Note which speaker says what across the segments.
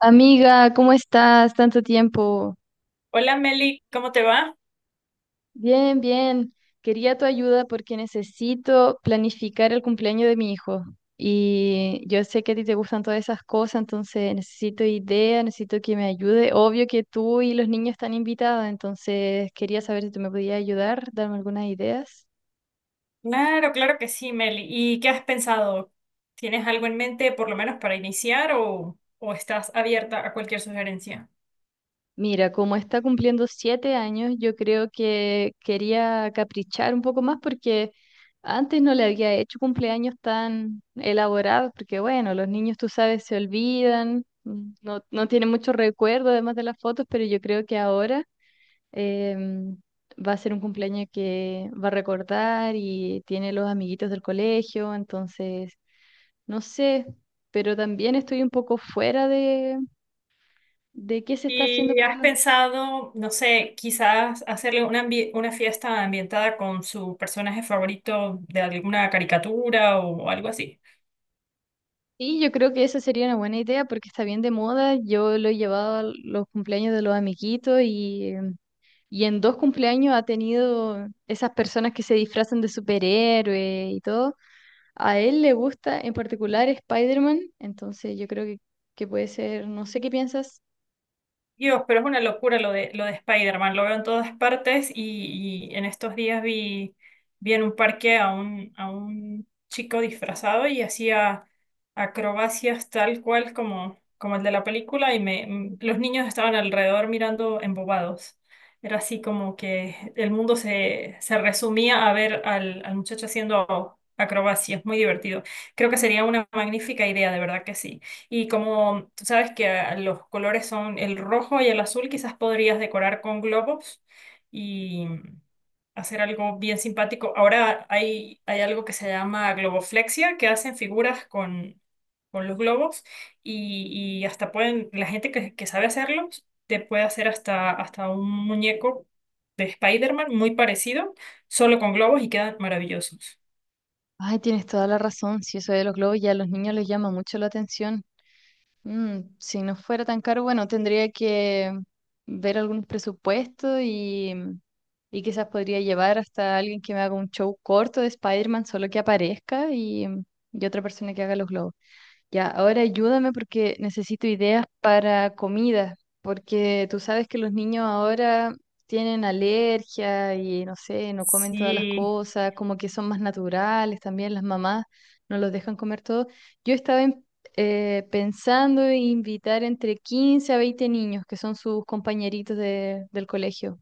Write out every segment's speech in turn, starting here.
Speaker 1: Amiga, ¿cómo estás? Tanto tiempo.
Speaker 2: Hola Meli, ¿cómo te va?
Speaker 1: Bien, bien. Quería tu ayuda porque necesito planificar el cumpleaños de mi hijo. Y yo sé que a ti te gustan todas esas cosas, entonces necesito ideas, necesito que me ayude. Obvio que tú y los niños están invitados, entonces quería saber si tú me podías ayudar, darme algunas ideas.
Speaker 2: Claro, claro que sí, Meli. ¿Y qué has pensado? ¿Tienes algo en mente por lo menos para iniciar o estás abierta a cualquier sugerencia?
Speaker 1: Mira, como está cumpliendo 7 años, yo creo que quería caprichar un poco más porque antes no le había hecho cumpleaños tan elaborados, porque bueno, los niños, tú sabes, se olvidan, no, no tienen mucho recuerdo además de las fotos, pero yo creo que ahora em, va a ser un cumpleaños que va a recordar y tiene los amiguitos del colegio. Entonces, no sé, pero también estoy un poco fuera de qué se está haciendo
Speaker 2: ¿Y
Speaker 1: para
Speaker 2: has
Speaker 1: los niños.
Speaker 2: pensado, no sé, quizás hacerle una, una fiesta ambientada con su personaje favorito de alguna caricatura o algo así?
Speaker 1: Sí, yo creo que esa sería una buena idea porque está bien de moda. Yo lo he llevado a los cumpleaños de los amiguitos y y en 2 cumpleaños ha tenido esas personas que se disfrazan de superhéroe y todo. A él le gusta en particular Spider-Man, entonces yo creo que puede ser, no sé qué piensas.
Speaker 2: Dios, pero es una locura lo de Spider-Man, lo veo en todas partes y en estos días vi en un parque a a un chico disfrazado y hacía acrobacias tal cual como el de la película y los niños estaban alrededor mirando embobados. Era así como que el mundo se resumía a ver al muchacho haciendo acrobacias, muy divertido. Creo que sería una magnífica idea, de verdad que sí. Y como tú sabes que los colores son el rojo y el azul, quizás podrías decorar con globos y hacer algo bien simpático. Ahora hay algo que se llama globoflexia, que hacen figuras con los globos y hasta pueden, la gente que sabe hacerlos, te puede hacer hasta, hasta un muñeco de Spider-Man muy parecido, solo con globos y quedan maravillosos.
Speaker 1: Ay, tienes toda la razón, si eso de los globos ya a los niños les llama mucho la atención. Mm, si no fuera tan caro, bueno, tendría que ver algunos presupuestos y quizás podría llevar hasta alguien que me haga un show corto de Spider-Man, solo que aparezca y otra persona que haga los globos. Ya, ahora ayúdame porque necesito ideas para comida, porque tú sabes que los niños ahora tienen alergia y no sé, no comen todas las
Speaker 2: Sí,
Speaker 1: cosas, como que son más naturales también, las mamás no los dejan comer todo. Yo estaba en- Pensando en invitar entre 15 a 20 niños que son sus compañeritos del colegio.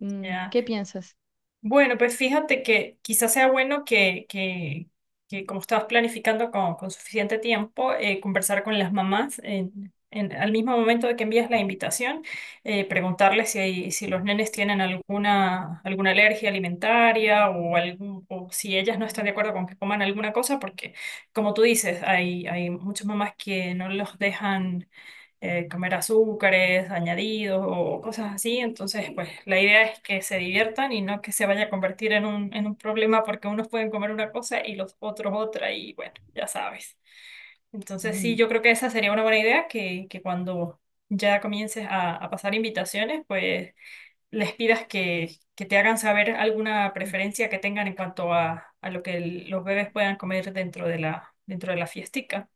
Speaker 1: Mm,
Speaker 2: ya.
Speaker 1: ¿qué piensas?
Speaker 2: Bueno, pues fíjate que quizás sea bueno que como estabas planificando con suficiente tiempo, conversar con las mamás al mismo momento de que envías la invitación, preguntarles si los nenes tienen alguna, alguna alergia alimentaria o, algún, o si ellas no están de acuerdo con que coman alguna cosa, porque como tú dices, hay muchas mamás que no los dejan comer azúcares añadidos o cosas así. Entonces, pues la idea es que se diviertan y no que se vaya a convertir en en un problema porque unos pueden comer una cosa y los otros otra y bueno, ya sabes. Entonces, sí,
Speaker 1: Mm.
Speaker 2: yo creo que esa sería una buena idea, que cuando ya comiences a pasar invitaciones, pues les pidas que te hagan saber alguna preferencia que tengan en cuanto a lo que los bebés puedan comer dentro de dentro de la fiestica.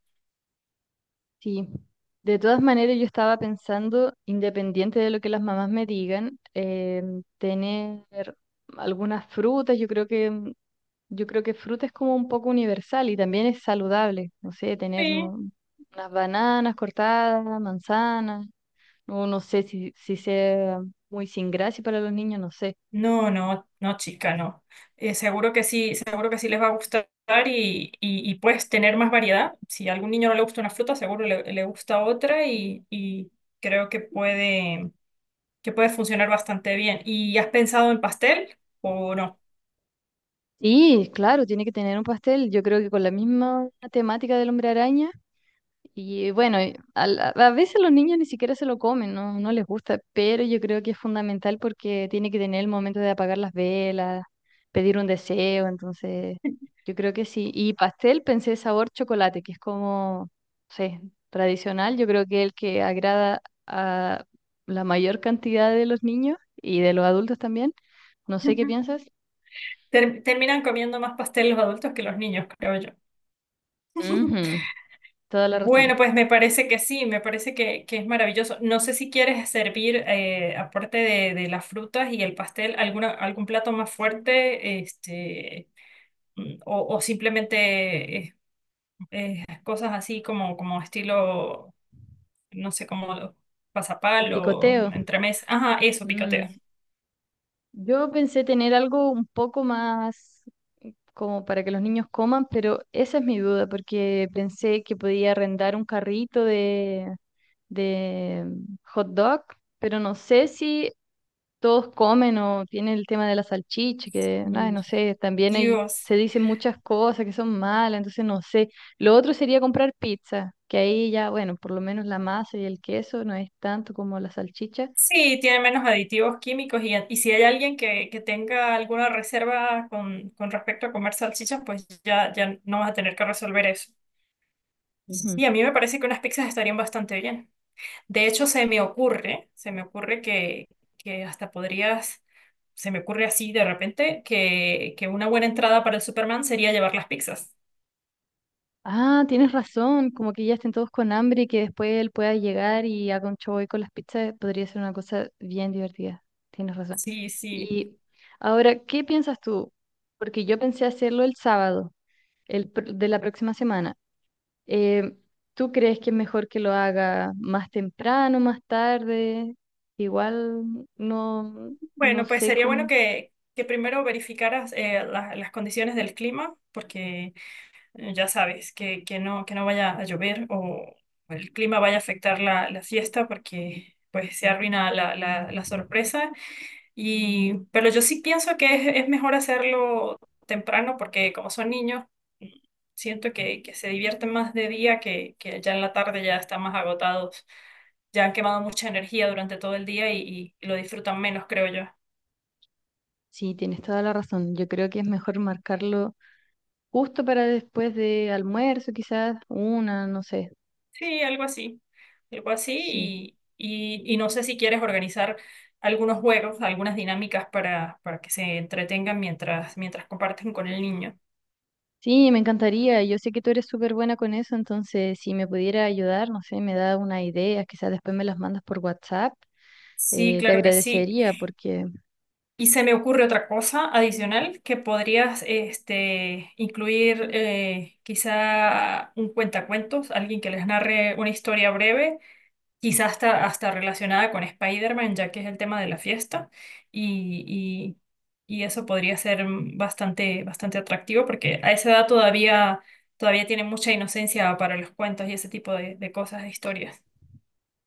Speaker 1: Sí, de todas maneras yo estaba pensando, independiente de lo que las mamás me digan, tener algunas frutas, yo creo que yo creo que fruta es como un poco universal y también es saludable, no sé,
Speaker 2: Sí,
Speaker 1: unas bananas cortadas, manzanas, o no sé si sea muy sin gracia para los niños, no sé.
Speaker 2: no, no, no, chica, no. Seguro que sí, seguro que sí les va a gustar y puedes tener más variedad. Si a algún niño no le gusta una fruta, seguro le gusta otra y creo que que puede funcionar bastante bien. ¿Y has pensado en pastel o no?
Speaker 1: Sí, claro, tiene que tener un pastel, yo creo que con la misma temática del hombre araña. Y bueno, a veces los niños ni siquiera se lo comen, no, no les gusta, pero yo creo que es fundamental porque tiene que tener el momento de apagar las velas, pedir un deseo. Entonces yo creo que sí. Y pastel pensé sabor chocolate, que es como, no sé, tradicional, yo creo que el que agrada a la mayor cantidad de los niños y de los adultos también. No sé qué piensas.
Speaker 2: Terminan comiendo más pastel los adultos que los niños, creo yo.
Speaker 1: Ujú. Toda la
Speaker 2: Bueno,
Speaker 1: razón.
Speaker 2: pues me parece que sí, me parece que es maravilloso. No sé si quieres servir, aparte de las frutas y el pastel, alguna, algún plato más fuerte, o simplemente cosas así como estilo, no sé, como
Speaker 1: Como
Speaker 2: pasapal o
Speaker 1: picoteo.
Speaker 2: entremés. Ajá, eso, picoteo.
Speaker 1: Mm. Yo pensé tener algo un poco más como para que los niños coman, pero esa es mi duda, porque pensé que podía arrendar un carrito de hot dog, pero no sé si todos comen o tiene el tema de la salchicha, que ay,
Speaker 2: Mm,
Speaker 1: no sé, también hay,
Speaker 2: Dios.
Speaker 1: se dicen muchas cosas que son malas, entonces no sé. Lo otro sería comprar pizza, que ahí ya, bueno, por lo menos la masa y el queso no es tanto como la salchicha.
Speaker 2: Sí, tiene menos aditivos químicos y si hay alguien que tenga alguna reserva con respecto a comer salchichas, pues ya, ya no vas a tener que resolver eso. Y a mí me parece que unas pizzas estarían bastante bien. De hecho, se me ocurre que hasta podrías, se me ocurre así de repente, que una buena entrada para el Superman sería llevar las pizzas.
Speaker 1: Ah, tienes razón, como que ya estén todos con hambre y que después él pueda llegar y haga un show ahí con las pizzas, podría ser una cosa bien divertida. Tienes razón.
Speaker 2: Sí, sí.
Speaker 1: Y ahora, ¿qué piensas tú? Porque yo pensé hacerlo el sábado, de la próxima semana. Eh, ¿Tú crees que es mejor que lo haga más temprano, más tarde? Igual no, no
Speaker 2: Bueno, pues
Speaker 1: sé
Speaker 2: sería bueno
Speaker 1: cómo.
Speaker 2: que primero verificaras las condiciones del clima, porque ya sabes, que no vaya a llover o el clima vaya a afectar la fiesta porque pues se arruina la sorpresa. Y, pero yo sí pienso que es mejor hacerlo temprano porque como son niños, siento que se divierten más de día que ya en la tarde ya están más agotados, ya han quemado mucha energía durante todo el día y lo disfrutan menos, creo yo.
Speaker 1: Sí, tienes toda la razón. Yo creo que es mejor marcarlo justo para después de almuerzo, quizás, una, no sé.
Speaker 2: Sí, algo así
Speaker 1: Sí.
Speaker 2: y no sé si quieres organizar algunos juegos, algunas dinámicas para que se entretengan mientras comparten con el niño.
Speaker 1: Sí, me encantaría. Yo sé que tú eres súper buena con eso, entonces si me pudiera ayudar, no sé, me da una idea, quizás después me las mandas por WhatsApp,
Speaker 2: Sí,
Speaker 1: te
Speaker 2: claro que sí.
Speaker 1: agradecería porque
Speaker 2: Y se me ocurre otra cosa adicional que podrías este, incluir quizá un cuentacuentos, alguien que les narre una historia breve quizás hasta, hasta relacionada con Spider-Man, ya que es el tema de la fiesta, y, y eso podría ser bastante, bastante atractivo, porque a esa edad todavía, todavía tiene mucha inocencia para los cuentos y ese tipo de cosas, de historias.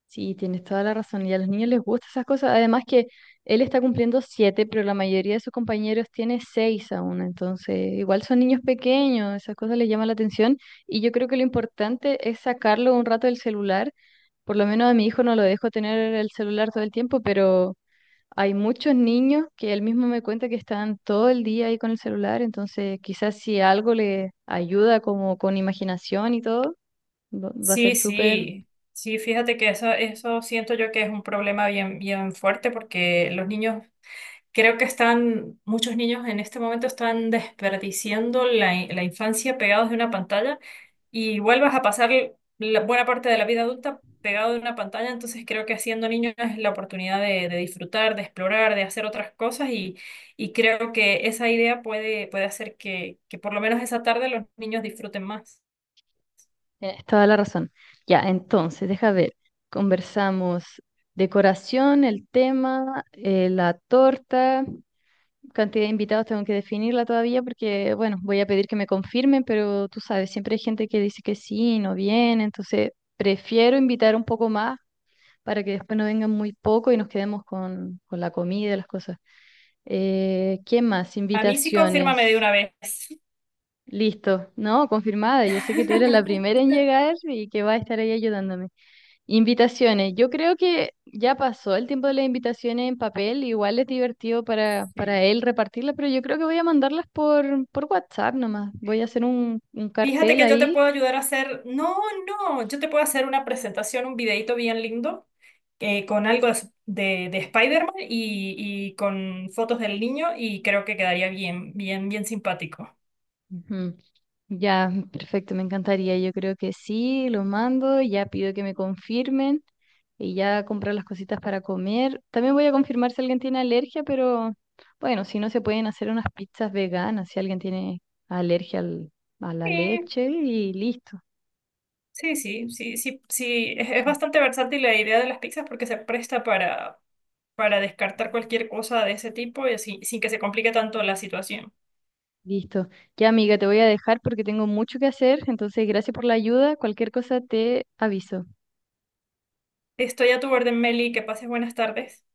Speaker 1: sí, tienes toda la razón y a los niños les gustan esas cosas. Además que él está cumpliendo siete, pero la mayoría de sus compañeros tiene 6 aún, entonces igual son niños pequeños, esas cosas les llaman la atención y yo creo que lo importante es sacarlo un rato del celular. Por lo menos a mi hijo no lo dejo tener el celular todo el tiempo, pero hay muchos niños que él mismo me cuenta que están todo el día ahí con el celular, entonces quizás si algo le ayuda como con imaginación y todo, va a ser
Speaker 2: Sí,
Speaker 1: súper...
Speaker 2: sí, sí, fíjate que eso siento yo que es un problema bien, bien fuerte, porque los niños... Creo que están, muchos niños en este momento están desperdiciando la infancia pegados de una pantalla y vuelvas a pasar la buena parte de la vida adulta pegado de una pantalla, entonces creo que siendo niño es la oportunidad de disfrutar, de explorar, de hacer otras cosas y creo que esa idea puede hacer que por lo menos esa tarde los niños disfruten más.
Speaker 1: Tienes toda la razón. Ya, entonces, deja ver. Conversamos decoración, el tema, la torta. Cantidad de invitados tengo que definirla todavía porque, bueno, voy a pedir que me confirmen, pero tú sabes, siempre hay gente que dice que sí y no viene, entonces prefiero invitar un poco más para que después no vengan muy poco y nos quedemos con la comida y las cosas. ¿Qué más?
Speaker 2: A mí sí confírmame
Speaker 1: Invitaciones.
Speaker 2: de una vez.
Speaker 1: Listo, ¿no? Confirmada. Yo sé que tú eres la primera en llegar y que va a estar ahí ayudándome. Invitaciones. Yo creo que ya pasó el tiempo de las invitaciones en papel. Igual es divertido
Speaker 2: Sí.
Speaker 1: para él repartirlas, pero yo creo que voy a mandarlas por WhatsApp nomás. Voy a hacer un
Speaker 2: Fíjate
Speaker 1: cartel
Speaker 2: que yo te
Speaker 1: ahí.
Speaker 2: puedo ayudar a hacer, no, no, yo te puedo hacer una presentación, un videito bien lindo con algo de Spider-Man y con fotos del niño y creo que quedaría bien, bien, bien simpático.
Speaker 1: Ujú. Ya, perfecto, me encantaría. Yo creo que sí, lo mando. Ya pido que me confirmen y ya comprar las cositas para comer. También voy a confirmar si alguien tiene alergia, pero bueno, si no se pueden hacer unas pizzas veganas, si alguien tiene alergia al- a la
Speaker 2: Sí,
Speaker 1: leche y listo.
Speaker 2: sí, sí, sí, sí, sí, es
Speaker 1: Sí.
Speaker 2: bastante versátil la idea de las pizzas porque se presta para descartar cualquier cosa de ese tipo y así, sin que se complique tanto la situación.
Speaker 1: Listo. Ya, amiga, te voy a dejar porque tengo mucho que hacer, entonces gracias por la ayuda. Cualquier cosa te aviso.
Speaker 2: Estoy a tu orden, Meli, que pases buenas tardes.